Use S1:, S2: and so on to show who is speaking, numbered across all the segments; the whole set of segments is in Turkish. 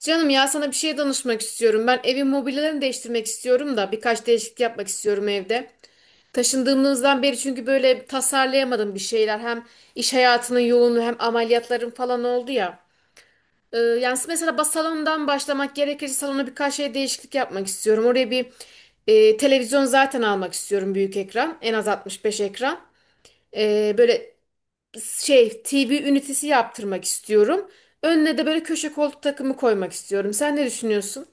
S1: Canım ya sana bir şey danışmak istiyorum. Ben evin mobilyalarını değiştirmek istiyorum da birkaç değişiklik yapmak istiyorum evde. Taşındığımızdan beri çünkü böyle tasarlayamadım bir şeyler. Hem iş hayatının yoğunluğu hem ameliyatlarım falan oldu ya. Yani mesela salondan başlamak gerekirse salona birkaç şey değişiklik yapmak istiyorum. Oraya bir televizyon zaten almak istiyorum, büyük ekran. En az 65 ekran. Böyle şey TV ünitesi yaptırmak istiyorum. Önüne de böyle köşe koltuk takımı koymak istiyorum. Sen ne düşünüyorsun?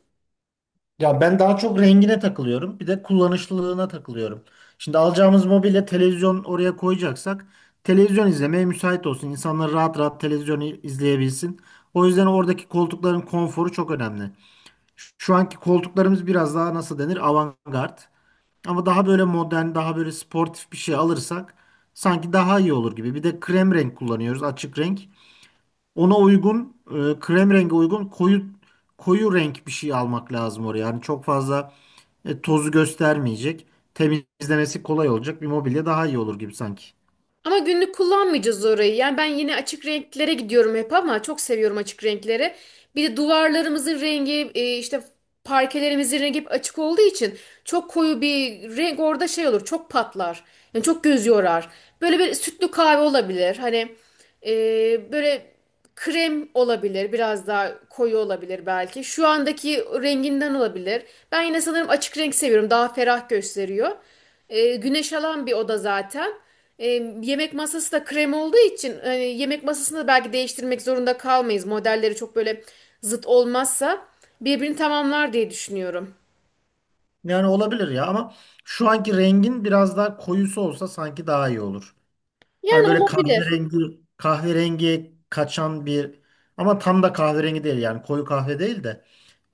S2: Ya ben daha çok rengine takılıyorum. Bir de kullanışlılığına takılıyorum. Şimdi alacağımız mobilya televizyon oraya koyacaksak televizyon izlemeye müsait olsun. İnsanlar rahat rahat televizyon izleyebilsin. O yüzden oradaki koltukların konforu çok önemli. Şu anki koltuklarımız biraz daha nasıl denir? Avantgard. Ama daha böyle modern, daha böyle sportif bir şey alırsak sanki daha iyi olur gibi. Bir de krem renk kullanıyoruz, açık renk. Ona uygun krem rengi uygun koyu renk bir şey almak lazım oraya. Yani çok fazla tozu göstermeyecek. Temizlemesi kolay olacak bir mobilya daha iyi olur gibi sanki.
S1: Ama günlük kullanmayacağız orayı. Yani ben yine açık renklere gidiyorum hep ama çok seviyorum açık renkleri. Bir de duvarlarımızın rengi işte parkelerimizin rengi hep açık olduğu için çok koyu bir renk orada şey olur, çok patlar. Yani çok göz yorar. Böyle bir sütlü kahve olabilir. Hani böyle krem olabilir. Biraz daha koyu olabilir belki. Şu andaki renginden olabilir. Ben yine sanırım açık renk seviyorum. Daha ferah gösteriyor. Güneş alan bir oda zaten. E, yemek masası da krem olduğu için yemek masasını da belki değiştirmek zorunda kalmayız. Modelleri çok böyle zıt olmazsa birbirini tamamlar diye düşünüyorum.
S2: Yani olabilir ya ama şu anki rengin biraz daha koyusu olsa sanki daha iyi olur. Hani
S1: Yani
S2: böyle
S1: olabilir.
S2: kahverengi kaçan bir ama tam da kahverengi değil yani koyu kahve değil de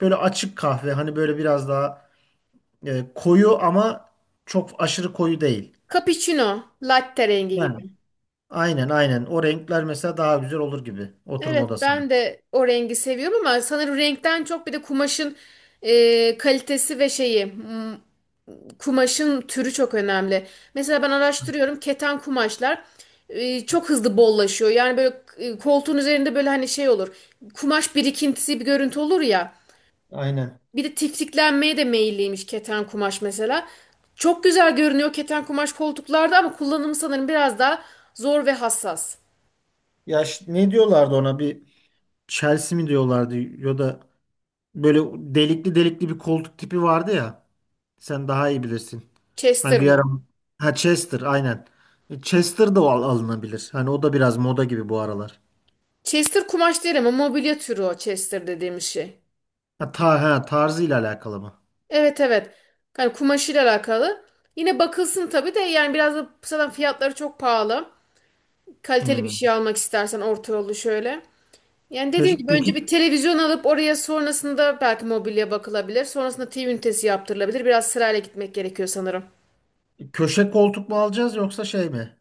S2: böyle açık kahve hani böyle biraz daha koyu ama çok aşırı koyu değil.
S1: Cappuccino, latte rengi gibi.
S2: Yani aynen aynen. O renkler mesela daha güzel olur gibi oturma
S1: Evet,
S2: odasına.
S1: ben de o rengi seviyorum ama sanırım renkten çok bir de kumaşın kalitesi ve şeyi. Kumaşın türü çok önemli. Mesela ben araştırıyorum, keten kumaşlar çok hızlı bollaşıyor. Yani böyle koltuğun üzerinde böyle hani şey olur. Kumaş birikintisi bir görüntü olur ya.
S2: Aynen.
S1: Bir de tiftiklenmeye de meyilliymiş keten kumaş mesela. Çok güzel görünüyor keten kumaş koltuklarda ama kullanımı sanırım biraz daha zor ve hassas.
S2: Ne diyorlardı ona bir Chelsea mi diyorlardı ya da böyle delikli delikli bir koltuk tipi vardı ya. Sen daha iyi bilirsin. Hani
S1: Chester
S2: bir ara
S1: mı?
S2: ha Chester aynen. Chester da alınabilir. Hani o da biraz moda gibi bu aralar.
S1: Chester kumaş değil ama mobilya türü o Chester dediğimiz şey.
S2: Ha, tarzıyla alakalı mı?
S1: Evet, evet. Yani kumaşıyla alakalı. Yine bakılsın tabii de yani biraz da zaten fiyatları çok pahalı. Kaliteli bir
S2: Hmm.
S1: şey almak istersen orta yolu şöyle. Yani dediğim
S2: Peki,
S1: gibi önce
S2: peki
S1: bir televizyon alıp oraya, sonrasında belki mobilya bakılabilir. Sonrasında TV ünitesi yaptırılabilir. Biraz sırayla gitmek gerekiyor sanırım.
S2: köşe koltuk mu alacağız yoksa şey mi?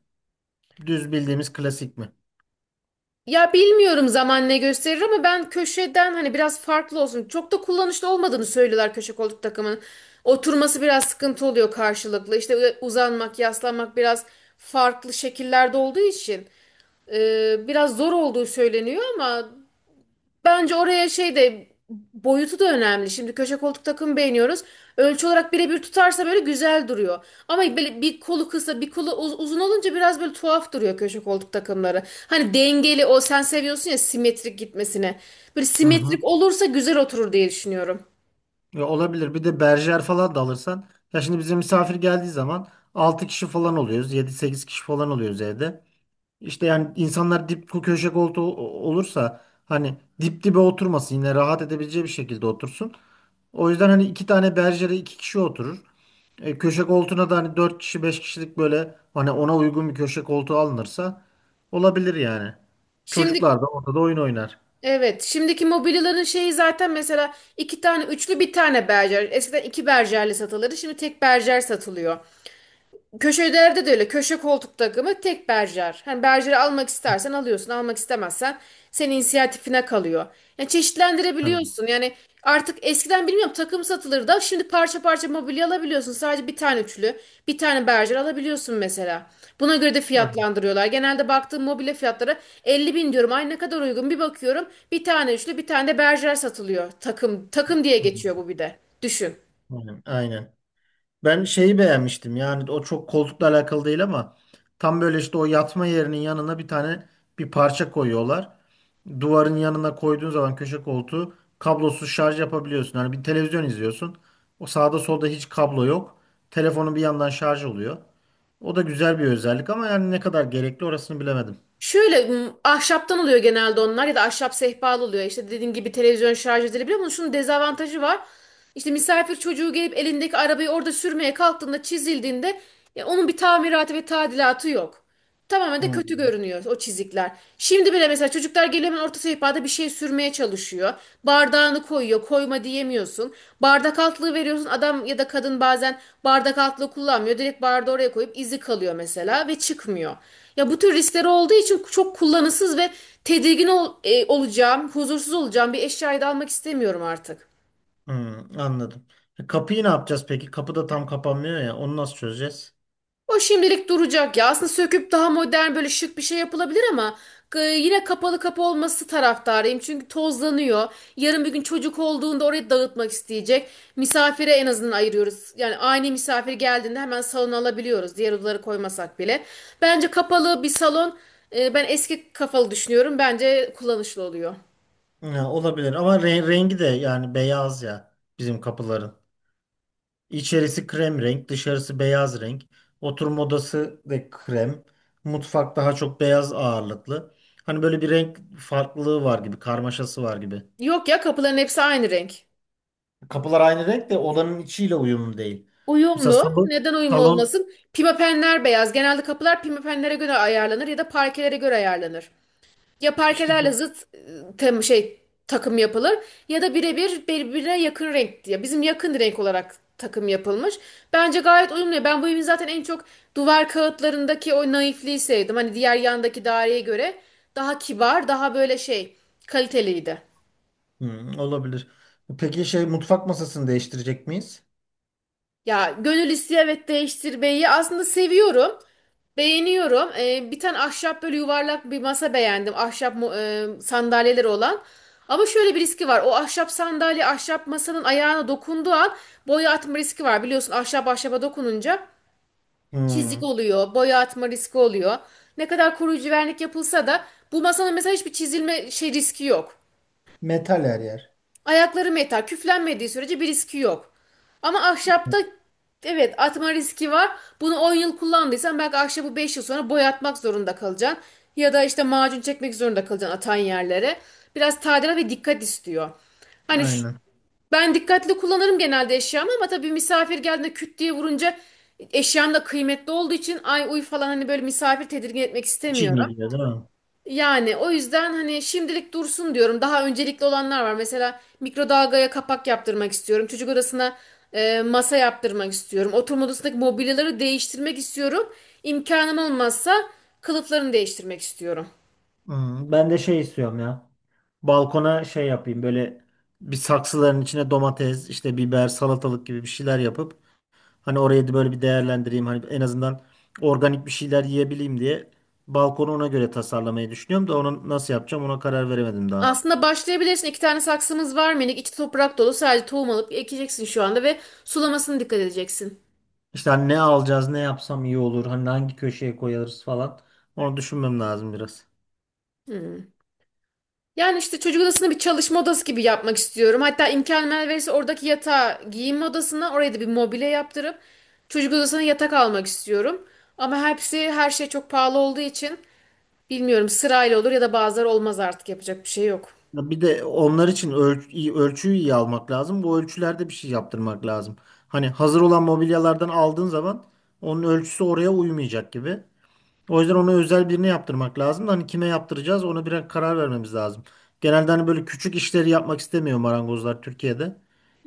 S2: Düz bildiğimiz klasik mi?
S1: Ya bilmiyorum, zaman ne gösterir ama ben köşeden hani biraz farklı olsun. Çok da kullanışlı olmadığını söylüyorlar köşe koltuk takımının. Oturması biraz sıkıntı oluyor karşılıklı. İşte uzanmak, yaslanmak biraz farklı şekillerde olduğu için biraz zor olduğu söyleniyor ama bence oraya şey de boyutu da önemli. Şimdi köşe koltuk takım beğeniyoruz. Ölçü olarak birebir tutarsa böyle güzel duruyor. Ama böyle bir kolu kısa bir kolu uzun olunca biraz böyle tuhaf duruyor köşe koltuk takımları. Hani dengeli o, sen seviyorsun ya simetrik gitmesine. Böyle
S2: Hı hı.
S1: simetrik olursa güzel oturur diye düşünüyorum.
S2: Ya olabilir. Bir de berjer falan da alırsan. Ya şimdi bize misafir geldiği zaman 6 kişi falan oluyoruz. Yedi sekiz kişi falan oluyoruz evde. İşte yani insanlar köşe koltuğu olursa hani dip dibe oturmasın yine rahat edebileceği bir şekilde otursun. O yüzden hani iki tane berjere iki kişi oturur. Köşe koltuğuna da hani 4 kişi 5 kişilik böyle hani ona uygun bir köşe koltuğu alınırsa olabilir yani.
S1: Şimdi
S2: Çocuklar da ortada oyun oynar.
S1: evet, şimdiki mobilyaların şeyi zaten mesela iki tane üçlü, bir tane berjer. Eskiden iki berjerli satılırdı, şimdi tek berjer satılıyor. Köşelerde de öyle. Köşe koltuk takımı tek berjer. Hani berjeri almak istersen alıyorsun. Almak istemezsen senin inisiyatifine kalıyor. Yani
S2: Aynen.
S1: çeşitlendirebiliyorsun. Yani artık eskiden bilmiyorum takım satılırdı da şimdi parça parça mobilya alabiliyorsun. Sadece bir tane üçlü, bir tane berjer alabiliyorsun mesela. Buna göre de
S2: Aynen.
S1: fiyatlandırıyorlar. Genelde baktığım mobilya fiyatları 50 bin diyorum. Ay, ne kadar uygun. Bir bakıyorum bir tane üçlü, bir tane de berjer satılıyor. Takım takım diye geçiyor bu bir de. Düşün.
S2: Aynen. Aynen. Ben şeyi beğenmiştim yani o çok koltukla alakalı değil ama tam böyle işte o yatma yerinin yanına bir tane bir parça koyuyorlar. Duvarın yanına koyduğun zaman köşe koltuğu kablosuz şarj yapabiliyorsun. Hani bir televizyon izliyorsun. O sağda solda hiç kablo yok. Telefonun bir yandan şarj oluyor. O da güzel bir özellik ama yani ne kadar gerekli orasını bilemedim.
S1: Şöyle ahşaptan oluyor genelde onlar ya da ahşap sehpalı oluyor. İşte dediğim gibi televizyon şarj edilebiliyor ama şunun dezavantajı var. İşte misafir çocuğu gelip elindeki arabayı orada sürmeye kalktığında, çizildiğinde ya onun bir tamiratı ve tadilatı yok. Tamamen de
S2: Hmm,
S1: kötü görünüyor o çizikler. Şimdi bile mesela çocuklar geliyor, hemen orta sehpada bir şey sürmeye çalışıyor. Bardağını koyuyor, koyma diyemiyorsun. Bardak altlığı veriyorsun. Adam ya da kadın bazen bardak altlığı kullanmıyor. Direkt bardağı oraya koyup izi kalıyor mesela ve çıkmıyor. Ya bu tür riskleri olduğu için çok kullanışsız ve olacağım, huzursuz olacağım bir eşyayı da almak istemiyorum artık.
S2: hmm, anladım. E, kapıyı ne yapacağız peki? Kapı da tam kapanmıyor ya. Onu nasıl çözeceğiz?
S1: O şimdilik duracak ya. Aslında söküp daha modern böyle şık bir şey yapılabilir ama yine kapalı kapı olması taraftarıyım. Çünkü tozlanıyor. Yarın bir gün çocuk olduğunda orayı dağıtmak isteyecek. Misafire en azından ayırıyoruz. Yani aynı misafir geldiğinde hemen salona alabiliyoruz. Diğer odaları koymasak bile. Bence kapalı bir salon, ben eski kafalı düşünüyorum. Bence kullanışlı oluyor.
S2: Ya, olabilir ama rengi de yani beyaz ya bizim kapıların. İçerisi krem renk, dışarısı beyaz renk. Oturma odası da krem. Mutfak daha çok beyaz ağırlıklı. Hani böyle bir renk farklılığı var gibi, karmaşası var gibi.
S1: Yok ya, kapıların hepsi aynı renk.
S2: Kapılar aynı renk de odanın içiyle uyumlu değil. Mesela
S1: Uyumlu.
S2: salon,
S1: Neden uyumlu
S2: salon
S1: olmasın? Pimapenler beyaz. Genelde kapılar pimapenlere göre ayarlanır ya da parkelere göre ayarlanır. Ya
S2: işte.
S1: parkelerle zıt e, tem şey takım yapılır ya da birebir birbirine yakın renk diye. Bizim yakın renk olarak takım yapılmış. Bence gayet uyumlu. Ben bu evin zaten en çok duvar kağıtlarındaki o naifliği sevdim. Hani diğer yandaki daireye göre daha kibar, daha böyle şey, kaliteliydi.
S2: Hmm, olabilir. Peki şey mutfak masasını değiştirecek miyiz?
S1: Ya gönül istiyor, evet, değiştirmeyi aslında seviyorum. Beğeniyorum. Bir tane ahşap böyle yuvarlak bir masa beğendim. Ahşap sandalyeleri olan. Ama şöyle bir riski var. O ahşap sandalye ahşap masanın ayağına dokunduğu an boya atma riski var. Biliyorsun ahşap ahşaba dokununca çizik
S2: Hmm,
S1: oluyor. Boya atma riski oluyor. Ne kadar koruyucu vernik yapılsa da bu masanın mesela hiçbir çizilme şey riski yok.
S2: metal her yer.
S1: Ayakları metal. Küflenmediği sürece bir riski yok. Ama ahşapta evet atma riski var. Bunu 10 yıl kullandıysan belki ahşabı 5 yıl sonra boyatmak zorunda kalacaksın. Ya da işte macun çekmek zorunda kalacaksın atan yerlere. Biraz tadilat ve dikkat istiyor. Hani şu-
S2: Aynen.
S1: ben dikkatli kullanırım genelde eşyamı ama tabii misafir geldiğinde küt diye vurunca eşyam da kıymetli olduğu için ay uy falan, hani böyle misafir tedirgin etmek
S2: Çin
S1: istemiyorum.
S2: geliyor değil mi?
S1: Yani o yüzden hani şimdilik dursun diyorum. Daha öncelikli olanlar var. Mesela mikrodalgaya kapak yaptırmak istiyorum. Çocuk odasına masa yaptırmak istiyorum. Oturma odasındaki mobilyaları değiştirmek istiyorum. İmkanım olmazsa kılıflarını değiştirmek istiyorum.
S2: Hmm, ben de şey istiyorum ya. Balkona şey yapayım böyle bir saksıların içine domates, işte biber, salatalık gibi bir şeyler yapıp hani orayı da böyle bir değerlendireyim. Hani en azından organik bir şeyler yiyebileyim diye balkonu ona göre tasarlamayı düşünüyorum da onu nasıl yapacağım ona karar veremedim daha.
S1: Aslında başlayabilirsin. İki tane saksımız var minik. İçi toprak dolu. Sadece tohum alıp ekeceksin şu anda ve sulamasına dikkat edeceksin.
S2: İşte hani ne alacağız, ne yapsam iyi olur, hani hangi köşeye koyarız falan. Onu düşünmem lazım biraz.
S1: Hmm. Yani işte çocuk odasını bir çalışma odası gibi yapmak istiyorum. Hatta imkan verirse oradaki yatağı giyinme odasına, oraya da bir mobilya yaptırıp çocuk odasına yatak almak istiyorum. Ama hepsi, her şey çok pahalı olduğu için bilmiyorum, sırayla olur ya da bazıları olmaz, artık yapacak bir şey yok.
S2: Ya bir de onlar için ölçüyü iyi almak lazım. Bu ölçülerde bir şey yaptırmak lazım. Hani hazır olan mobilyalardan aldığın zaman onun ölçüsü oraya uymayacak gibi. O yüzden onu özel birine yaptırmak lazım. Hani kime yaptıracağız ona bir karar vermemiz lazım. Genelde hani böyle küçük işleri yapmak istemiyor marangozlar Türkiye'de.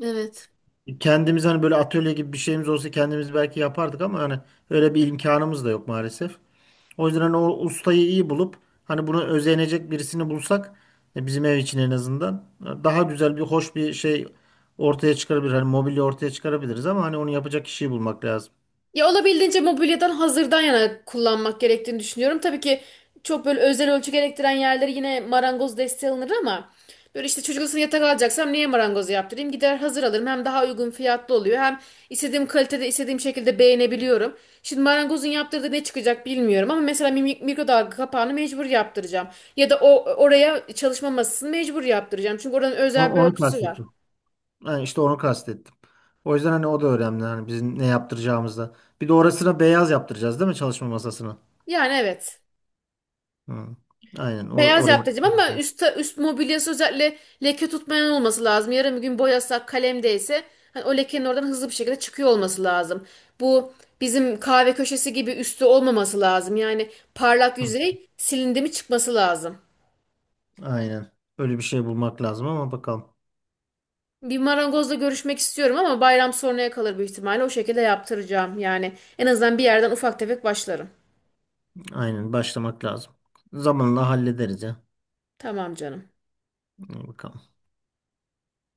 S1: Evet.
S2: Kendimiz hani böyle atölye gibi bir şeyimiz olsa kendimiz belki yapardık ama hani öyle bir imkanımız da yok maalesef. O yüzden hani o ustayı iyi bulup hani bunu özenecek birisini bulsak bizim ev için en azından daha güzel bir hoş bir şey ortaya çıkarabilir. Hani mobilya ortaya çıkarabiliriz ama hani onu yapacak kişiyi bulmak lazım.
S1: Ya olabildiğince mobilyadan hazırdan yana kullanmak gerektiğini düşünüyorum. Tabii ki çok böyle özel ölçü gerektiren yerleri yine marangoz desteği alınır ama böyle işte çocuk odasına yatak alacaksam niye marangozu yaptırayım? Gider hazır alırım. Hem daha uygun fiyatlı oluyor. Hem istediğim kalitede istediğim şekilde beğenebiliyorum. Şimdi marangozun yaptırdığı ne çıkacak bilmiyorum ama mesela mikrodalga kapağını mecbur yaptıracağım. Ya da o oraya çalışma masasını mecbur yaptıracağım. Çünkü oranın özel bir
S2: Onu
S1: ölçüsü var.
S2: kastettim. Yani işte onu kastettim. O yüzden hani o da önemli hani bizim ne yaptıracağımızda. Bir de orasına beyaz yaptıracağız değil mi çalışma masasına?
S1: Yani evet.
S2: Hı. Aynen o,
S1: Beyaz
S2: o renk.
S1: yaptıracağım ama üst mobilyası özellikle leke tutmayan olması lazım. Yarın bir gün boyasak, kalem değse hani o lekenin oradan hızlı bir şekilde çıkıyor olması lazım. Bu bizim kahve köşesi gibi üstü olmaması lazım. Yani parlak
S2: Hı.
S1: yüzey silindi mi çıkması lazım.
S2: Aynen. Öyle bir şey bulmak lazım ama bakalım.
S1: Bir marangozla görüşmek istiyorum ama bayram sonraya kalır büyük ihtimalle. O şekilde yaptıracağım. Yani en azından bir yerden ufak tefek başlarım.
S2: Aynen başlamak lazım. Zamanla hallederiz ya.
S1: Tamam canım.
S2: İyi bakalım.